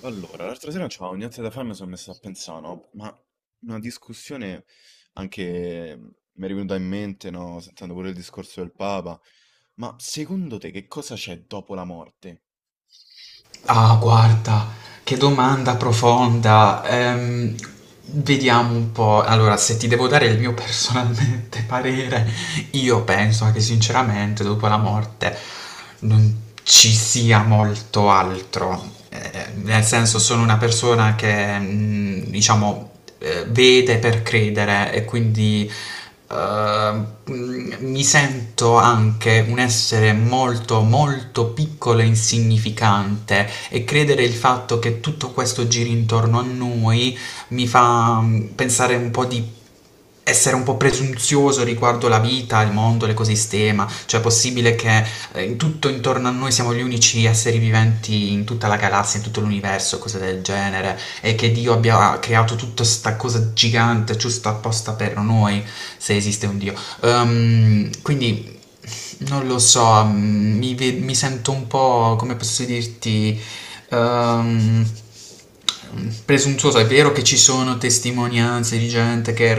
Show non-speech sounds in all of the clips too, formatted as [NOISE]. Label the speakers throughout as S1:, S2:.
S1: Allora, l'altra sera non c'avevo niente da fare, mi sono messo a pensare, no? Ma una discussione anche mi è venuta in mente, no? Sentendo pure il discorso del Papa. Ma secondo te che cosa c'è dopo la morte?
S2: Ah, guarda, che domanda profonda. Vediamo un po'. Allora, se ti devo dare il mio personalmente [LAUGHS] parere, io penso che sinceramente dopo la morte non ci sia molto altro. Nel senso, sono una persona che, diciamo, vede per credere e quindi eh, mi sento anche un essere molto molto piccolo e insignificante e credere il fatto che tutto questo giri intorno a noi mi fa pensare un po' di essere un po' presunzioso riguardo la vita, il mondo, l'ecosistema, cioè è possibile che in tutto intorno a noi siamo gli unici esseri viventi in tutta la galassia, in tutto l'universo, cose del genere, e che Dio abbia creato tutta questa cosa gigante giusto apposta per noi, se esiste un Dio. Quindi non lo so, mi sento un po', come posso dirti, ehm, presuntuoso. È vero che ci sono testimonianze di gente che è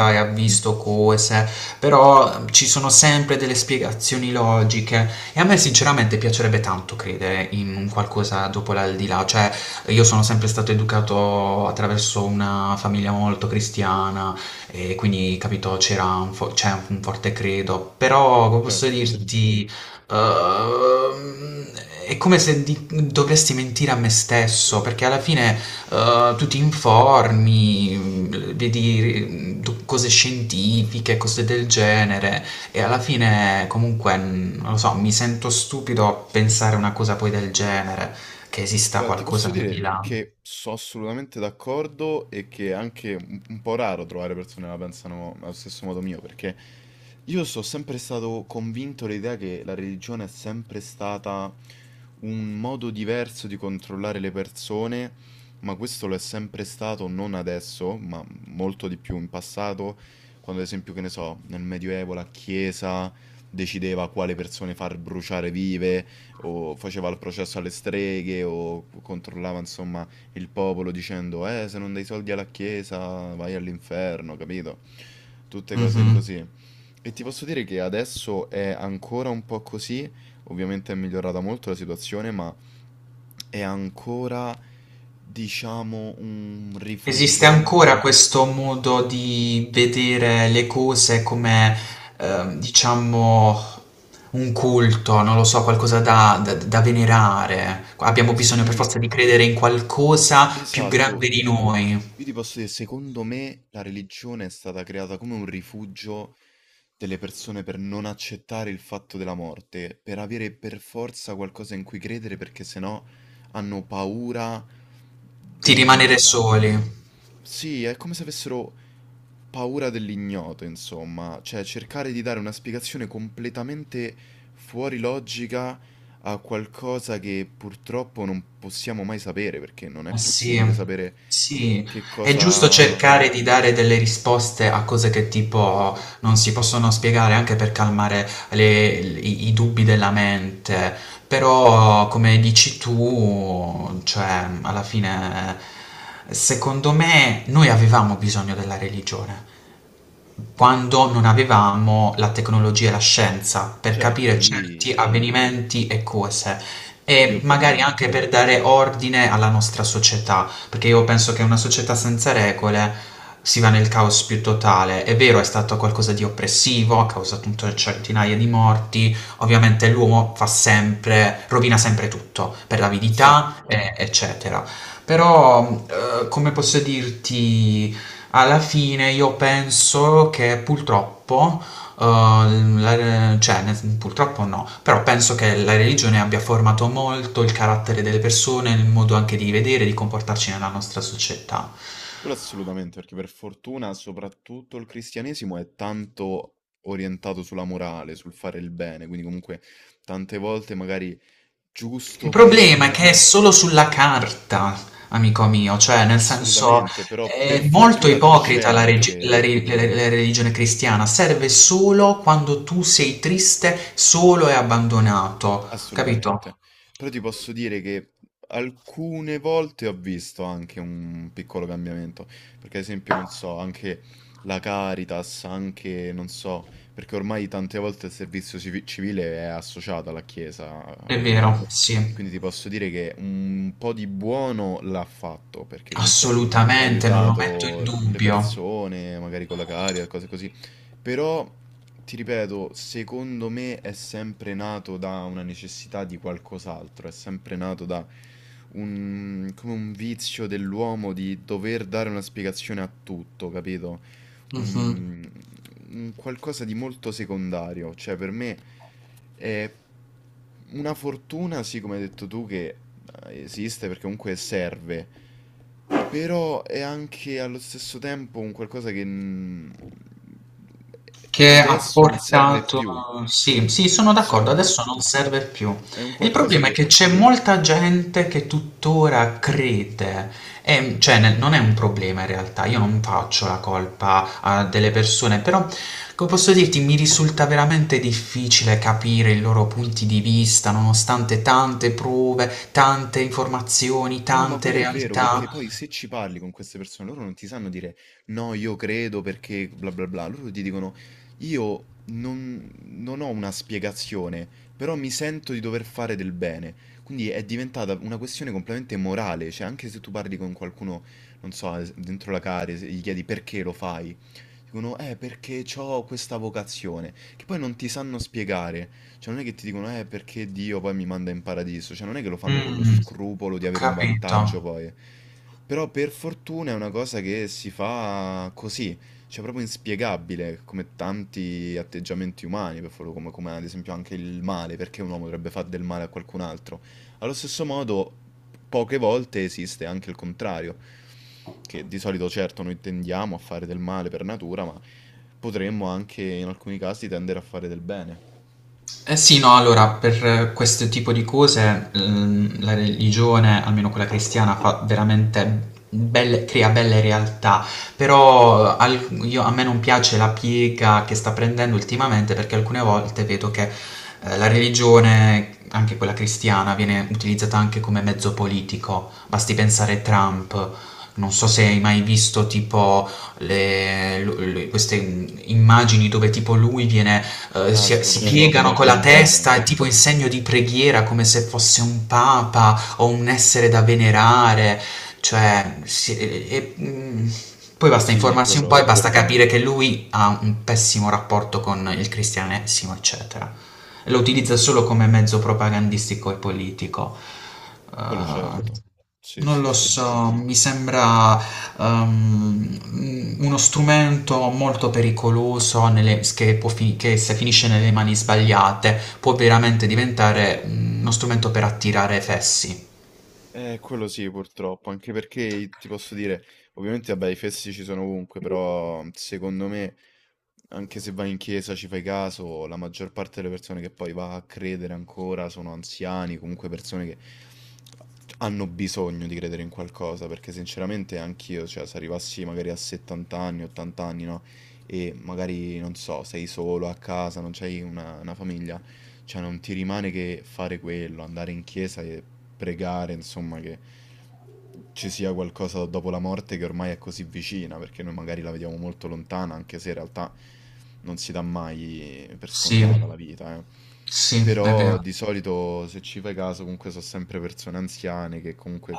S1: Mm.
S2: e ha visto cose, però ci sono sempre delle spiegazioni logiche e a me sinceramente piacerebbe tanto credere in un qualcosa dopo l'aldilà, cioè io sono sempre stato educato attraverso una famiglia molto cristiana e quindi capito c'è un forte credo, però come posso
S1: Certo, certo.
S2: dirti. Ehm, è come se dovresti mentire a me stesso, perché alla fine tu ti informi, vedi cose scientifiche, cose del genere, e alla fine comunque, non lo so, mi sento stupido a pensare una cosa poi del genere, che esista
S1: Guarda, ti
S2: qualcosa
S1: posso
S2: al di
S1: dire
S2: là.
S1: che sono assolutamente d'accordo e che è anche un po' raro trovare persone che la pensano allo stesso modo mio, perché io sono sempre stato convinto l'idea che la religione è sempre stata un modo diverso di controllare le persone, ma questo lo è sempre stato non adesso, ma molto di più in passato, quando ad esempio, che ne so, nel Medioevo la Chiesa decideva quale persone far bruciare vive o faceva il processo alle streghe o controllava insomma il popolo dicendo se non dai soldi alla chiesa vai all'inferno, capito? Tutte
S2: Mm.
S1: cose
S2: Mhm.
S1: così. E ti posso dire che adesso è ancora un po' così, ovviamente è migliorata molto la situazione, ma è ancora diciamo un
S2: Esiste
S1: rifugio.
S2: ancora questo modo di vedere le cose come, diciamo, un culto, non lo so, qualcosa da, da venerare. Abbiamo bisogno per
S1: Sì,
S2: forza di credere in qualcosa più
S1: esatto.
S2: grande di noi,
S1: Io ti posso dire, secondo me la religione è stata creata come un rifugio delle persone per non accettare il fatto della morte, per avere per forza qualcosa in cui credere perché sennò hanno paura
S2: di
S1: del
S2: rimanere
S1: nulla.
S2: soli.
S1: Sì, è come se avessero paura dell'ignoto, insomma, cioè cercare di dare una spiegazione completamente fuori logica a qualcosa che purtroppo non possiamo mai sapere, perché non è
S2: Ma sì,
S1: possibile sapere
S2: sì,
S1: che
S2: è giusto
S1: cosa...
S2: cercare di dare delle risposte a cose che tipo non si possono spiegare anche per calmare i, i dubbi della mente, però come dici tu, cioè alla fine secondo me noi avevamo bisogno della religione quando non avevamo la tecnologia e la scienza per
S1: Certo,
S2: capire
S1: lì,
S2: certi avvenimenti e cose
S1: lì
S2: e magari anche
S1: ovviamente.
S2: per dare ordine alla nostra società, perché io penso che una società senza regole si va nel caos più totale. È vero, è stato qualcosa di oppressivo, ha causato centinaia di morti, ovviamente l'uomo fa sempre, rovina sempre tutto per
S1: Sì,
S2: l'avidità, eccetera. Però, come posso dirti, alla fine io penso che purtroppo, la re cioè nel sen purtroppo no, però penso che la religione abbia formato molto il carattere delle persone, il modo anche di vedere e di comportarci nella nostra società.
S1: quello assolutamente, perché per fortuna soprattutto il cristianesimo è tanto orientato sulla morale, sul fare il bene, quindi comunque tante volte magari
S2: Il
S1: giusto
S2: problema è
S1: per...
S2: che è solo sulla carta, amico mio, cioè nel senso
S1: Assolutamente, però per
S2: è molto
S1: fortuna c'è
S2: ipocrita la regi la
S1: anche
S2: re la re la religione cristiana, serve solo quando tu sei triste, solo e abbandonato, capito?
S1: assolutamente. Però ti posso dire che alcune volte ho visto anche un piccolo cambiamento, perché ad esempio, non so, anche la Caritas, anche, non so, perché ormai tante volte il servizio civile è associato alla Chiesa,
S2: È
S1: ormai.
S2: vero, sì.
S1: Quindi ti posso dire che un po' di buono l'ha fatto, perché comunque ha
S2: Assolutamente, non lo metto in
S1: aiutato le
S2: dubbio.
S1: persone, magari con la Caritas, cose così. Però, ti ripeto, secondo me è sempre nato da una necessità di qualcos'altro, è sempre nato da un, come un vizio dell'uomo di dover dare una spiegazione a tutto, capito?
S2: Mh-mh.
S1: Un, un qualcosa di molto secondario, cioè per me è una fortuna, sì, come hai detto tu, che esiste perché comunque serve. Però è anche allo stesso tempo un qualcosa che
S2: Che ha
S1: adesso non serve
S2: portato
S1: più.
S2: sì, sì, sono d'accordo,
S1: Insomma,
S2: adesso non serve più.
S1: è un
S2: Il
S1: qualcosa
S2: problema è
S1: che
S2: che c'è molta gente che tuttora crede, cioè ne non è un problema in realtà, io non faccio la colpa a delle persone, però come posso dirti, mi risulta veramente difficile capire i loro punti di vista, nonostante tante prove, tante informazioni,
S1: no, ma
S2: tante
S1: quello è vero, perché
S2: realtà.
S1: poi se ci parli con queste persone, loro non ti sanno dire no, io credo perché bla bla bla, loro ti dicono io non ho una spiegazione, però mi sento di dover fare del bene. Quindi è diventata una questione completamente morale, cioè anche se tu parli con qualcuno, non so, dentro la care, se gli chiedi perché lo fai, dicono perché ho questa vocazione, che poi non ti sanno spiegare, cioè non è che ti dicono perché Dio poi mi manda in paradiso, cioè non è che lo fanno con lo
S2: Mh,
S1: scrupolo di
S2: ho
S1: avere un
S2: capito.
S1: vantaggio poi, però per fortuna è una cosa che si fa così, cioè proprio inspiegabile, come tanti atteggiamenti umani, per fortuna, come, come ad esempio anche il male, perché un uomo dovrebbe fare del male a qualcun altro? Allo stesso modo, poche volte esiste anche il contrario, che di solito certo noi tendiamo a fare del male per natura, ma potremmo anche in alcuni casi tendere a fare del bene.
S2: Eh sì, no, allora, per questo tipo di cose, la religione, almeno quella cristiana, fa veramente belle, crea belle realtà, però a me non piace la piega che sta prendendo ultimamente perché alcune volte vedo che la religione, anche quella cristiana, viene utilizzata anche come mezzo politico. Basti pensare a Trump. Non so se hai mai visto tipo queste immagini dove tipo lui viene
S1: Ah, si
S2: si piegano
S1: photoshoppa
S2: con
S1: come
S2: la
S1: il
S2: testa,
S1: Papa.
S2: è tipo in segno di preghiera, come se fosse un papa o un essere da venerare, cioè... poi basta
S1: Sì,
S2: informarsi un po' e
S1: quello,
S2: basta capire che lui ha un pessimo rapporto con il cristianesimo, eccetera. Lo utilizza solo come mezzo propagandistico e politico.
S1: quello
S2: Eh,
S1: certo. Sì,
S2: non
S1: sì,
S2: lo
S1: sì.
S2: so, mi sembra ehm, uno strumento molto pericoloso che, che se finisce nelle mani sbagliate può veramente diventare uno strumento per attirare fessi.
S1: Quello sì, purtroppo, anche perché ti posso dire, ovviamente, vabbè, i fessi ci sono ovunque, però secondo me, anche se vai in chiesa ci fai caso, la maggior parte delle persone che poi va a credere ancora sono anziani, comunque persone che hanno bisogno di credere in qualcosa, perché sinceramente anch'io, cioè, se arrivassi magari a 70 anni, 80 anni, no? E magari, non so, sei solo a casa, non c'hai una famiglia, cioè non ti rimane che fare quello, andare in chiesa e pregare, insomma, che ci sia qualcosa dopo la morte che ormai è così vicina, perché noi magari la vediamo molto lontana, anche se in realtà non si dà mai per scontata la
S2: Sì,
S1: vita, eh.
S2: sì, è
S1: Però
S2: vero.
S1: di solito, se ci fai caso, comunque sono sempre persone anziane che comunque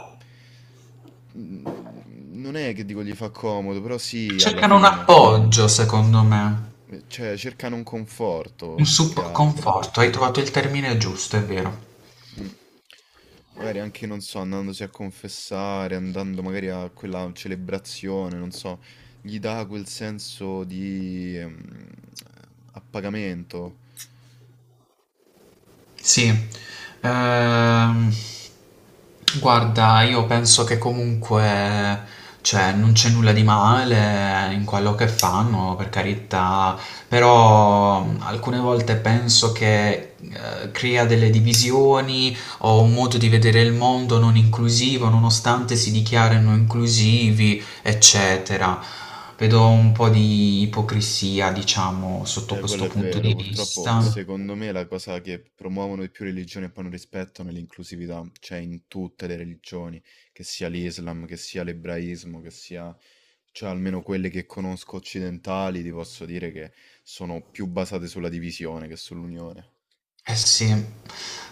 S1: mm, non è che dico gli fa comodo, però sì, alla
S2: Cercano un
S1: fine.
S2: appoggio, secondo me,
S1: Cioè, cercano un conforto più che altro.
S2: conforto. Hai trovato il termine giusto, è vero.
S1: Mm. Magari anche, non so, andandosi a confessare, andando magari a quella celebrazione, non so, gli dà quel senso di appagamento.
S2: Sì, ehm, guarda, io penso che comunque, cioè, non c'è nulla di male in quello che fanno, per carità, però alcune volte penso che crea delle divisioni o un modo di vedere il mondo non inclusivo, nonostante si dichiarino inclusivi, eccetera. Vedo un po' di ipocrisia, diciamo, sotto
S1: Quello
S2: questo
S1: è
S2: punto
S1: vero,
S2: di Mm.
S1: purtroppo
S2: vista.
S1: secondo me la cosa che promuovono di più religioni e poi non rispettano è l'inclusività, cioè in tutte le religioni, che sia l'Islam, che sia l'ebraismo, che sia, cioè almeno quelle che conosco occidentali, ti posso dire che sono più basate sulla divisione che sull'unione.
S2: Eh sì,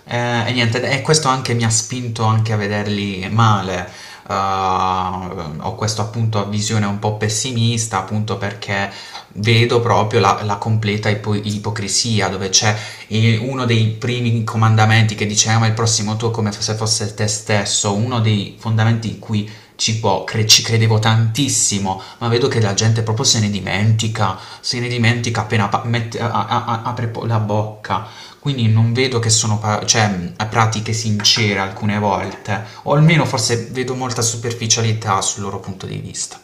S2: e niente, e questo anche mi ha spinto anche a vederli male. Ho questo appunto visione un po' pessimista, appunto perché vedo proprio la completa ipocrisia, dove c'è i uno dei primi comandamenti che dice: "Ama il prossimo tuo come f se fosse te stesso", uno dei fondamenti in cui ci credevo tantissimo, ma vedo che la gente proprio se ne dimentica, se ne dimentica appena pa mette a apre po la bocca. Quindi non vedo che sono pa cioè, pratiche sincere alcune volte, o almeno forse vedo molta superficialità sul loro punto di vista.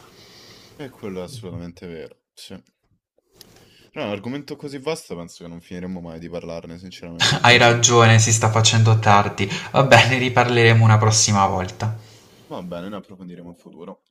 S1: E quello è assolutamente vero, sì. Però è un argomento così vasto penso che non finiremo mai di parlarne, sinceramente.
S2: Hai ragione, si sta facendo tardi. Va bene, riparleremo una prossima volta.
S1: Va bene, ne approfondiremo in futuro.